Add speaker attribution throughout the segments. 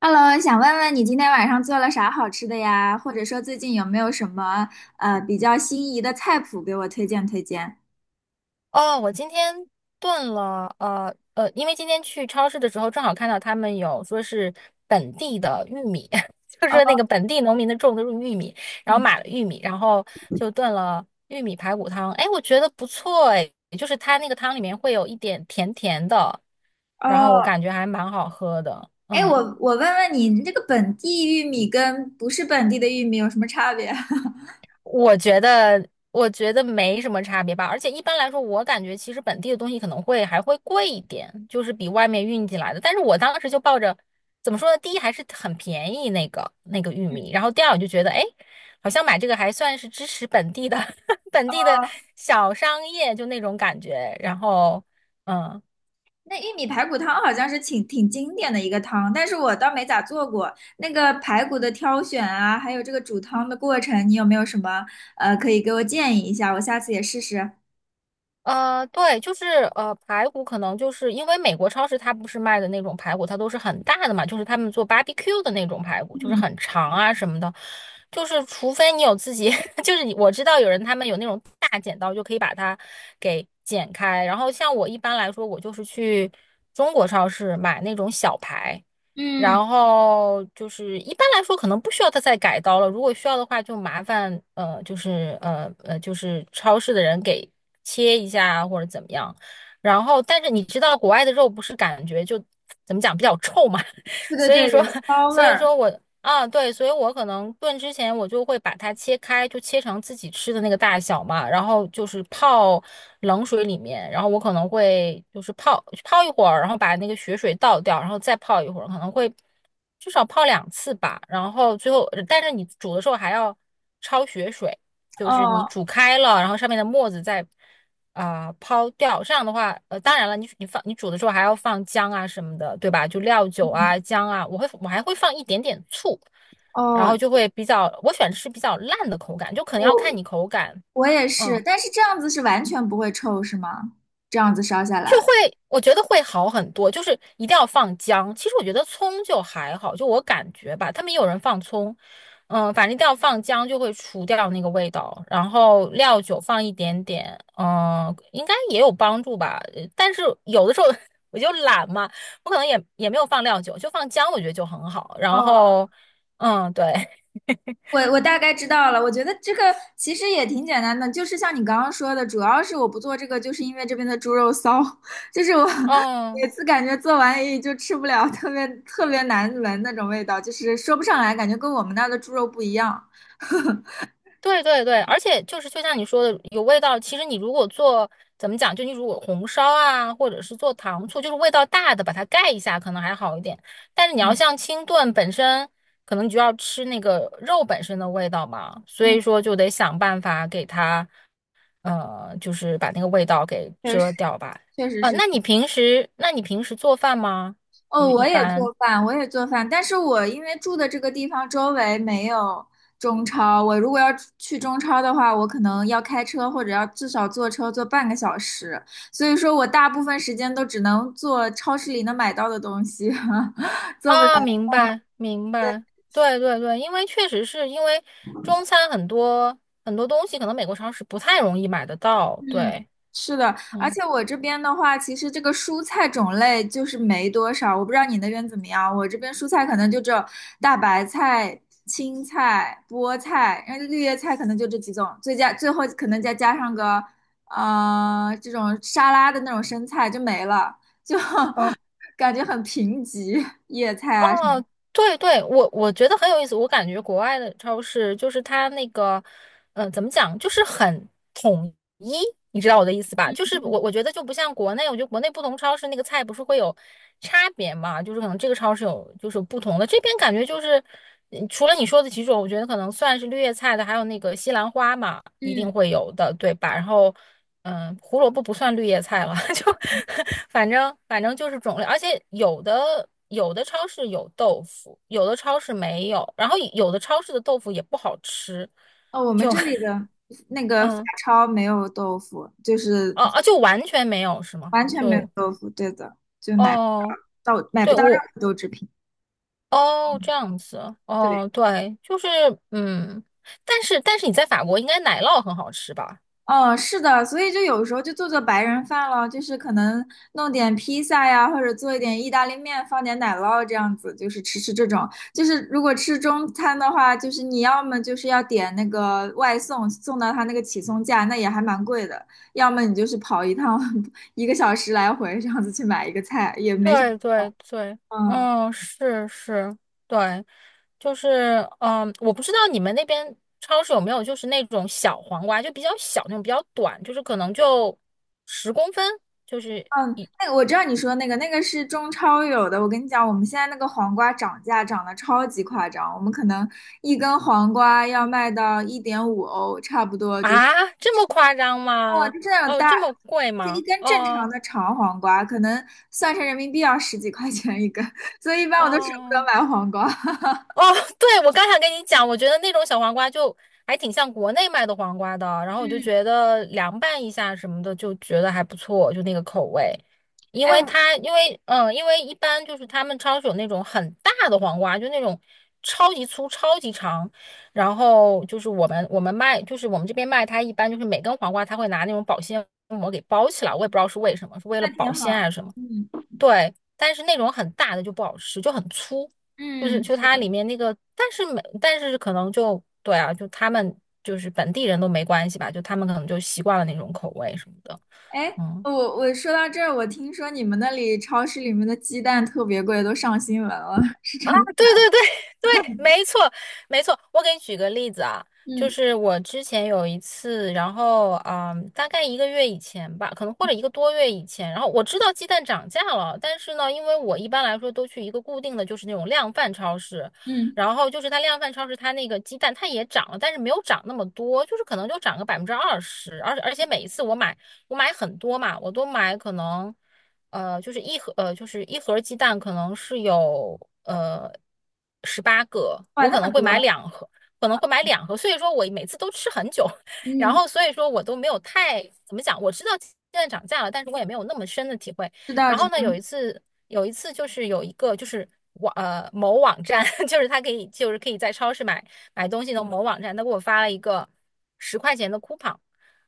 Speaker 1: Hello，想问问你今天晚上做了啥好吃的呀？或者说最近有没有什么比较心仪的菜谱给我推荐推荐？
Speaker 2: 哦，我今天炖了，因为今天去超市的时候，正好看到他们有说是本地的玉米，就是说那
Speaker 1: 哦
Speaker 2: 个本地农民的种的玉米，然后买了玉米，然后就炖了玉米排骨汤。哎，我觉得不错，哎，就是它那个汤里面会有一点甜甜的，然后我
Speaker 1: 哦，
Speaker 2: 感觉还蛮好喝的，
Speaker 1: 哎，我
Speaker 2: 嗯。
Speaker 1: 我问问你，你这个本地玉米跟不是本地的玉米有什么差别？哦，
Speaker 2: 我觉得，我觉得没什么差别吧。而且一般来说，我感觉其实本地的东西可能会还会贵一点，就是比外面运进来的。但是我当时就抱着怎么说呢，第一还是很便宜那个玉米，然后第二我就觉得，哎，好像买这个还算是支持本地的 本地的小商业，就那种感觉。然后，嗯。
Speaker 1: 那玉米排骨汤好像是挺经典的一个汤，但是我倒没咋做过。那个排骨的挑选啊，还有这个煮汤的过程，你有没有什么可以给我建议一下？我下次也试试。
Speaker 2: 对，就是排骨可能就是因为美国超市它不是卖的那种排骨，它都是很大的嘛，就是他们做 barbecue 的那种排骨，就是
Speaker 1: 嗯
Speaker 2: 很长啊什么的，就是除非你有自己，就是你我知道有人他们有那种大剪刀就可以把它给剪开，然后像我一般来说，我就是去中国超市买那种小排，
Speaker 1: 嗯，
Speaker 2: 然后就是一般来说可能不需要他再改刀了，如果需要的话就麻烦就是超市的人给切一下啊或者怎么样。然后但是你知道国外的肉不是感觉就怎么讲比较臭嘛，
Speaker 1: 对对
Speaker 2: 所以
Speaker 1: 对，
Speaker 2: 说
Speaker 1: 有 骚味
Speaker 2: 所以
Speaker 1: 儿。
Speaker 2: 说我啊，对，所以我可能炖之前我就会把它切开，就切成自己吃的那个大小嘛，然后就是泡冷水里面，然后我可能会就是泡泡一会儿，然后把那个血水倒掉，然后再泡一会儿，可能会至少泡2次吧。然后最后，但是你煮的时候还要焯血水，就是你
Speaker 1: 哦
Speaker 2: 煮开了，然后上面的沫子再抛掉。这样的话，当然了，你煮的时候还要放姜啊什么的，对吧？就料酒
Speaker 1: 嗯
Speaker 2: 啊、姜啊，我还会放一点点醋，然
Speaker 1: 哦，
Speaker 2: 后就会比较，我喜欢吃比较烂的口感，就可能要
Speaker 1: 我
Speaker 2: 看你口感。
Speaker 1: 我也是，
Speaker 2: 嗯。
Speaker 1: 但是这样子是完全不会臭，是吗？这样子烧下
Speaker 2: 就会，
Speaker 1: 来。
Speaker 2: 我觉得会好很多，就是一定要放姜。其实我觉得葱就还好，就我感觉吧，他们也有人放葱，嗯，反正一定要放姜，就会除掉那个味道。然后料酒放一点点，嗯，应该也有帮助吧。但是有的时候 我就懒嘛，我可能也没有放料酒，就放姜，我觉得就很好。然
Speaker 1: 哦，
Speaker 2: 后，嗯，对，
Speaker 1: 我大概知道了。我觉得这个其实也挺简单的，就是像你刚刚说的，主要是我不做这个，就是因为这边的猪肉骚，就是我
Speaker 2: 嗯。
Speaker 1: 每次感觉做完也就吃不了，特别特别难闻那种味道，就是说不上来，感觉跟我们那儿的猪肉不一样。
Speaker 2: 对对对，而且就是就像你说的，有味道。其实你如果做怎么讲，就你如果红烧啊，或者是做糖醋，就是味道大的，把它盖一下，可能还好一点。但是你要
Speaker 1: 嗯
Speaker 2: 像清炖本身，可能你就要吃那个肉本身的味道嘛，所
Speaker 1: 嗯，
Speaker 2: 以说就得想办法给它，就是把那个味道给
Speaker 1: 确实
Speaker 2: 遮掉吧。
Speaker 1: 确实是。
Speaker 2: 那你平时做饭吗？就
Speaker 1: 哦，
Speaker 2: 是
Speaker 1: 我
Speaker 2: 一
Speaker 1: 也
Speaker 2: 般。
Speaker 1: 做饭，我也做饭，但是我因为住的这个地方周围没有中超，我如果要去中超的话，我可能要开车或者要至少坐车坐半个小时，所以说我大部分时间都只能做超市里能买到的东西，做不了。
Speaker 2: 啊，明白明白，对对对，因为确实是因为中餐很多很多东西，可能美国超市不太容易买得到。
Speaker 1: 嗯，
Speaker 2: 对，
Speaker 1: 是的，而
Speaker 2: 嗯，
Speaker 1: 且我这边的话，其实这个蔬菜种类就是没多少，我不知道你那边怎么样。我这边蔬菜可能就只有大白菜、青菜、菠菜，然后绿叶菜可能就这几种，最后可能再加上个这种沙拉的那种生菜就没了，就 感觉很贫瘠，叶菜啊什么。
Speaker 2: 哦，对对，我觉得很有意思。我感觉国外的超市就是它那个，嗯，怎么讲，就是很统一，你知道我的意思吧？就是我觉得就不像国内，我觉得国内不同超市那个菜不是会有差别嘛，就是可能这个超市有就是不同的，这边感觉就是，嗯除了你说的几种，我觉得可能算是绿叶菜的，还有那个西兰花嘛，一
Speaker 1: 嗯，
Speaker 2: 定会有的，对吧？然后。嗯，胡萝卜不算绿叶菜了，就反正就是种类，而且有的超市有豆腐，有的超市没有，然后有的超市的豆腐也不好吃，
Speaker 1: 哦，我们
Speaker 2: 就
Speaker 1: 这里 的那个法
Speaker 2: 嗯
Speaker 1: 超没有豆腐，就是。
Speaker 2: 哦哦，就完全没有是吗？
Speaker 1: 完全没有
Speaker 2: 就
Speaker 1: 豆腐，对的，就买不
Speaker 2: 哦，
Speaker 1: 到到买
Speaker 2: 对
Speaker 1: 不到任
Speaker 2: 我
Speaker 1: 何豆制品。
Speaker 2: 哦这样子
Speaker 1: 对，
Speaker 2: 哦，对，就是嗯，但是你在法国应该奶酪很好吃吧？
Speaker 1: 嗯，是的，所以就有时候就做做白人饭了，就是可能弄点披萨呀，或者做一点意大利面，放点奶酪这样子，就是吃吃这种。就是如果吃中餐的话，就是你要么就是要点那个外送，送到他那个起送价，那也还蛮贵的；要么你就是跑一趟 一个小时来回这样子去买一个菜，也没啥。
Speaker 2: 对对对，
Speaker 1: 嗯。
Speaker 2: 嗯，是是，对，就是嗯，我不知道你们那边超市有没有就是那种小黄瓜，就比较小那种，比较短，就是可能就10公分，就是
Speaker 1: 嗯，那个我知道你说的那个，那个是中超有的。我跟你讲，我们现在那个黄瓜涨价涨得超级夸张，我们可能一根黄瓜要卖到1.5欧，差不多就是，
Speaker 2: 啊，这么夸张
Speaker 1: 哦，
Speaker 2: 吗？
Speaker 1: 就是那种
Speaker 2: 哦，
Speaker 1: 大，
Speaker 2: 这么贵
Speaker 1: 就一
Speaker 2: 吗？
Speaker 1: 根正常
Speaker 2: 哦
Speaker 1: 的长黄瓜，可能算成人民币要十几块钱一根，所以一般我都舍不得
Speaker 2: 哦。
Speaker 1: 买黄瓜。
Speaker 2: 哦，对，我刚想跟你讲，我觉得那种小黄瓜就还挺像国内卖的黄瓜的，然后我就
Speaker 1: 嗯，
Speaker 2: 觉得凉拌一下什么的，就觉得还不错，就那个口味。因
Speaker 1: 哎，
Speaker 2: 为
Speaker 1: 我
Speaker 2: 它，因为一般就是他们超市有那种很大的黄瓜，就那种超级粗、超级长，然后就是我们卖，就是我们这边卖它一般就是每根黄瓜，它会拿那种保鲜膜给包起来，我也不知道是为什么，是为了
Speaker 1: 那挺
Speaker 2: 保鲜还
Speaker 1: 好。
Speaker 2: 是什么。
Speaker 1: 嗯
Speaker 2: 对，但是那种很大的就不好吃，就很粗，就是
Speaker 1: 嗯，
Speaker 2: 就
Speaker 1: 是
Speaker 2: 它
Speaker 1: 的。
Speaker 2: 里面那个，但是没，但是可能就对啊，就他们就是本地人都没关系吧，就他们可能就习惯了那种口味什么的，
Speaker 1: 哎，
Speaker 2: 嗯。
Speaker 1: 我说到这儿，我听说你们那里超市里面的鸡蛋特别贵，都上新闻了，是真的。
Speaker 2: 对对对 对，没错没错。我给你举个例子啊，就
Speaker 1: 嗯，
Speaker 2: 是我之前有一次，然后嗯，大概一个月以前吧，可能或者一个多月以前，然后我知道鸡蛋涨价了，但是呢，因为我一般来说都去一个固定的，就是那种量贩超市，
Speaker 1: 嗯，
Speaker 2: 然后就是它量贩超市它那个鸡蛋它也涨了，但是没有涨那么多，就是可能就涨个20%，而且每一次我买很多嘛，我都买可能。就是一盒，就是一盒鸡蛋可能是有呃18个，
Speaker 1: 哇，
Speaker 2: 我
Speaker 1: 那
Speaker 2: 可
Speaker 1: 么
Speaker 2: 能会
Speaker 1: 多，
Speaker 2: 买两盒，可能会买两盒，所以说我每次都吃很久，然
Speaker 1: 嗯，
Speaker 2: 后所以说我都没有太怎么讲，我知道现在涨价了，但是我也没有那么深的体会。
Speaker 1: 知道
Speaker 2: 然
Speaker 1: 知
Speaker 2: 后
Speaker 1: 道，
Speaker 2: 呢，有一次就是有一个就是某网站，就是他可以就是可以在超市买东西的某网站，他给我发了一个十块钱的 coupon。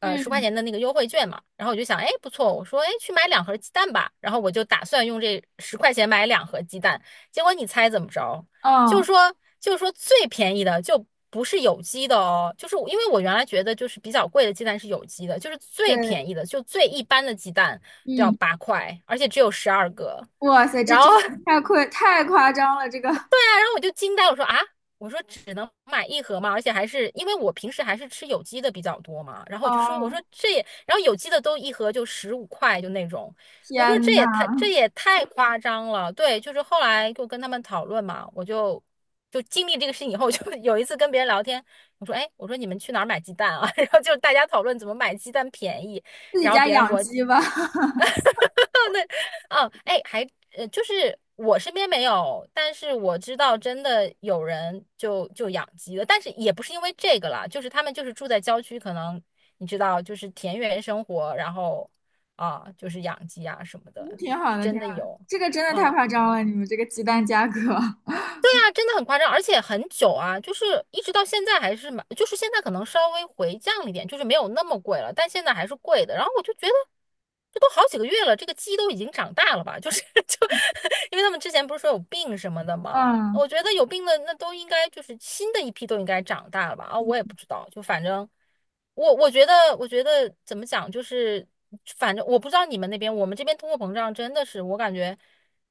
Speaker 2: 十块
Speaker 1: 嗯，
Speaker 2: 钱的那个优惠券嘛，然后我就想，哎，不错，我说，哎，去买两盒鸡蛋吧，然后我就打算用这十块钱买两盒鸡蛋，结果你猜怎么着？就是
Speaker 1: 哦，
Speaker 2: 说，就是说最便宜的就不是有机的哦，就是我因为我原来觉得就是比较贵的鸡蛋是有机的，就是最便
Speaker 1: 对，
Speaker 2: 宜的，就最一般的鸡蛋都要
Speaker 1: 嗯，
Speaker 2: 8块，而且只有12个，
Speaker 1: 哇塞，这
Speaker 2: 然后
Speaker 1: 真的太夸张了，这个，
Speaker 2: 我就惊呆，我说啊，我说只能买一盒嘛，而且还是因为我平时还是吃有机的比较多嘛，然后我就说，我
Speaker 1: 哦，
Speaker 2: 说这也，然后有机的都一盒就15块就那种，我说
Speaker 1: 天
Speaker 2: 这
Speaker 1: 呐，
Speaker 2: 也太这也太夸张了，对，就是后来就跟他们讨论嘛，我就经历这个事情以后，就有一次跟别人聊天，我说哎，我说你们去哪儿买鸡蛋啊？然后就大家讨论怎么买鸡蛋便宜，
Speaker 1: 自己
Speaker 2: 然后
Speaker 1: 家
Speaker 2: 别人给
Speaker 1: 养
Speaker 2: 我
Speaker 1: 鸡吧，
Speaker 2: 对，哦，哎，还就是我身边没有，但是我知道真的有人就养鸡了，但是也不是因为这个啦，就是他们就是住在郊区，可能你知道，就是田园生活，然后啊，就是养鸡啊什么
Speaker 1: 嗯
Speaker 2: 的，
Speaker 1: 挺好
Speaker 2: 是
Speaker 1: 的，
Speaker 2: 真
Speaker 1: 挺
Speaker 2: 的
Speaker 1: 好的，
Speaker 2: 有，
Speaker 1: 这个真的太
Speaker 2: 嗯
Speaker 1: 夸张了，你们这个鸡蛋价格，
Speaker 2: 啊，真的很夸张，而且很久啊，就是一直到现在还是蛮，就是现在可能稍微回降了一点，就是没有那么贵了，但现在还是贵的。然后我就觉得，这都好几个月了，这个鸡都已经长大了吧？就是 就，因为他们之前不是说有病什么的 嘛，
Speaker 1: 嗯，
Speaker 2: 我觉得有病的那都应该就是新的一批都应该长大了吧？啊，我也不知道，就反正我觉得怎么讲，就是反正我不知道你们那边，我们这边通货膨胀真的是我感觉。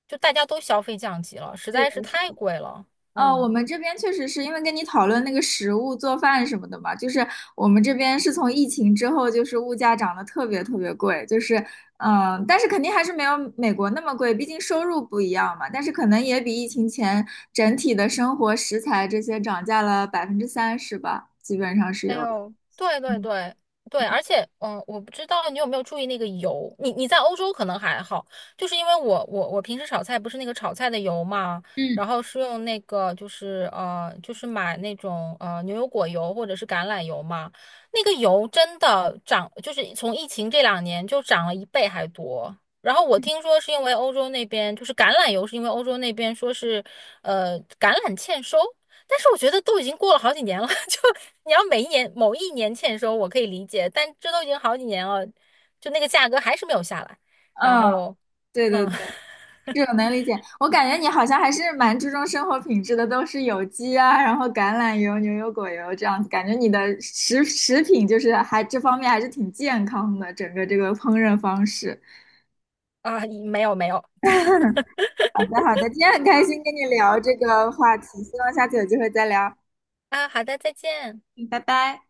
Speaker 2: 就大家都消费降级了，实
Speaker 1: 是
Speaker 2: 在是太
Speaker 1: 的，
Speaker 2: 贵了。
Speaker 1: 呃，我
Speaker 2: 嗯，
Speaker 1: 们这边确实是因为跟你讨论那个食物做饭什么的嘛，就是我们这边是从疫情之后，就是物价涨得特别特别贵，就是但是肯定还是没有美国那么贵，毕竟收入不一样嘛，但是可能也比疫情前整体的生活食材这些涨价了30%吧，基本上是
Speaker 2: 哎
Speaker 1: 有的。
Speaker 2: 呦，对对对对，而且，嗯，我不知道你有没有注意那个油，你在欧洲可能还好，就是因为我平时炒菜不是那个炒菜的油嘛，
Speaker 1: 嗯
Speaker 2: 然后是用那个就是买那种牛油果油或者是橄榄油嘛，那个油真的涨，就是从疫情这2年就涨了一倍还多。然后我听说是因为欧洲那边就是橄榄油，是因为欧洲那边说是橄榄欠收。但是我觉得都已经过了好几年了，就你要每一年某一年欠收，我可以理解，但这都已经好几年了，就那个价格还是没有下来。然
Speaker 1: 嗯，
Speaker 2: 后，
Speaker 1: 对对
Speaker 2: 嗯，
Speaker 1: 对。这种 能理解，我感觉你好像还是蛮注重生活品质的，都是有机啊，然后橄榄油、牛油果油这样子，感觉你的食品就是还这方面还是挺健康的，整个这个烹饪方式。
Speaker 2: 啊，没有没有，
Speaker 1: 好的，好的，今天很开心跟你聊这个话题，希望下次有机会再聊。
Speaker 2: 啊，好的，再见。
Speaker 1: 嗯，拜拜。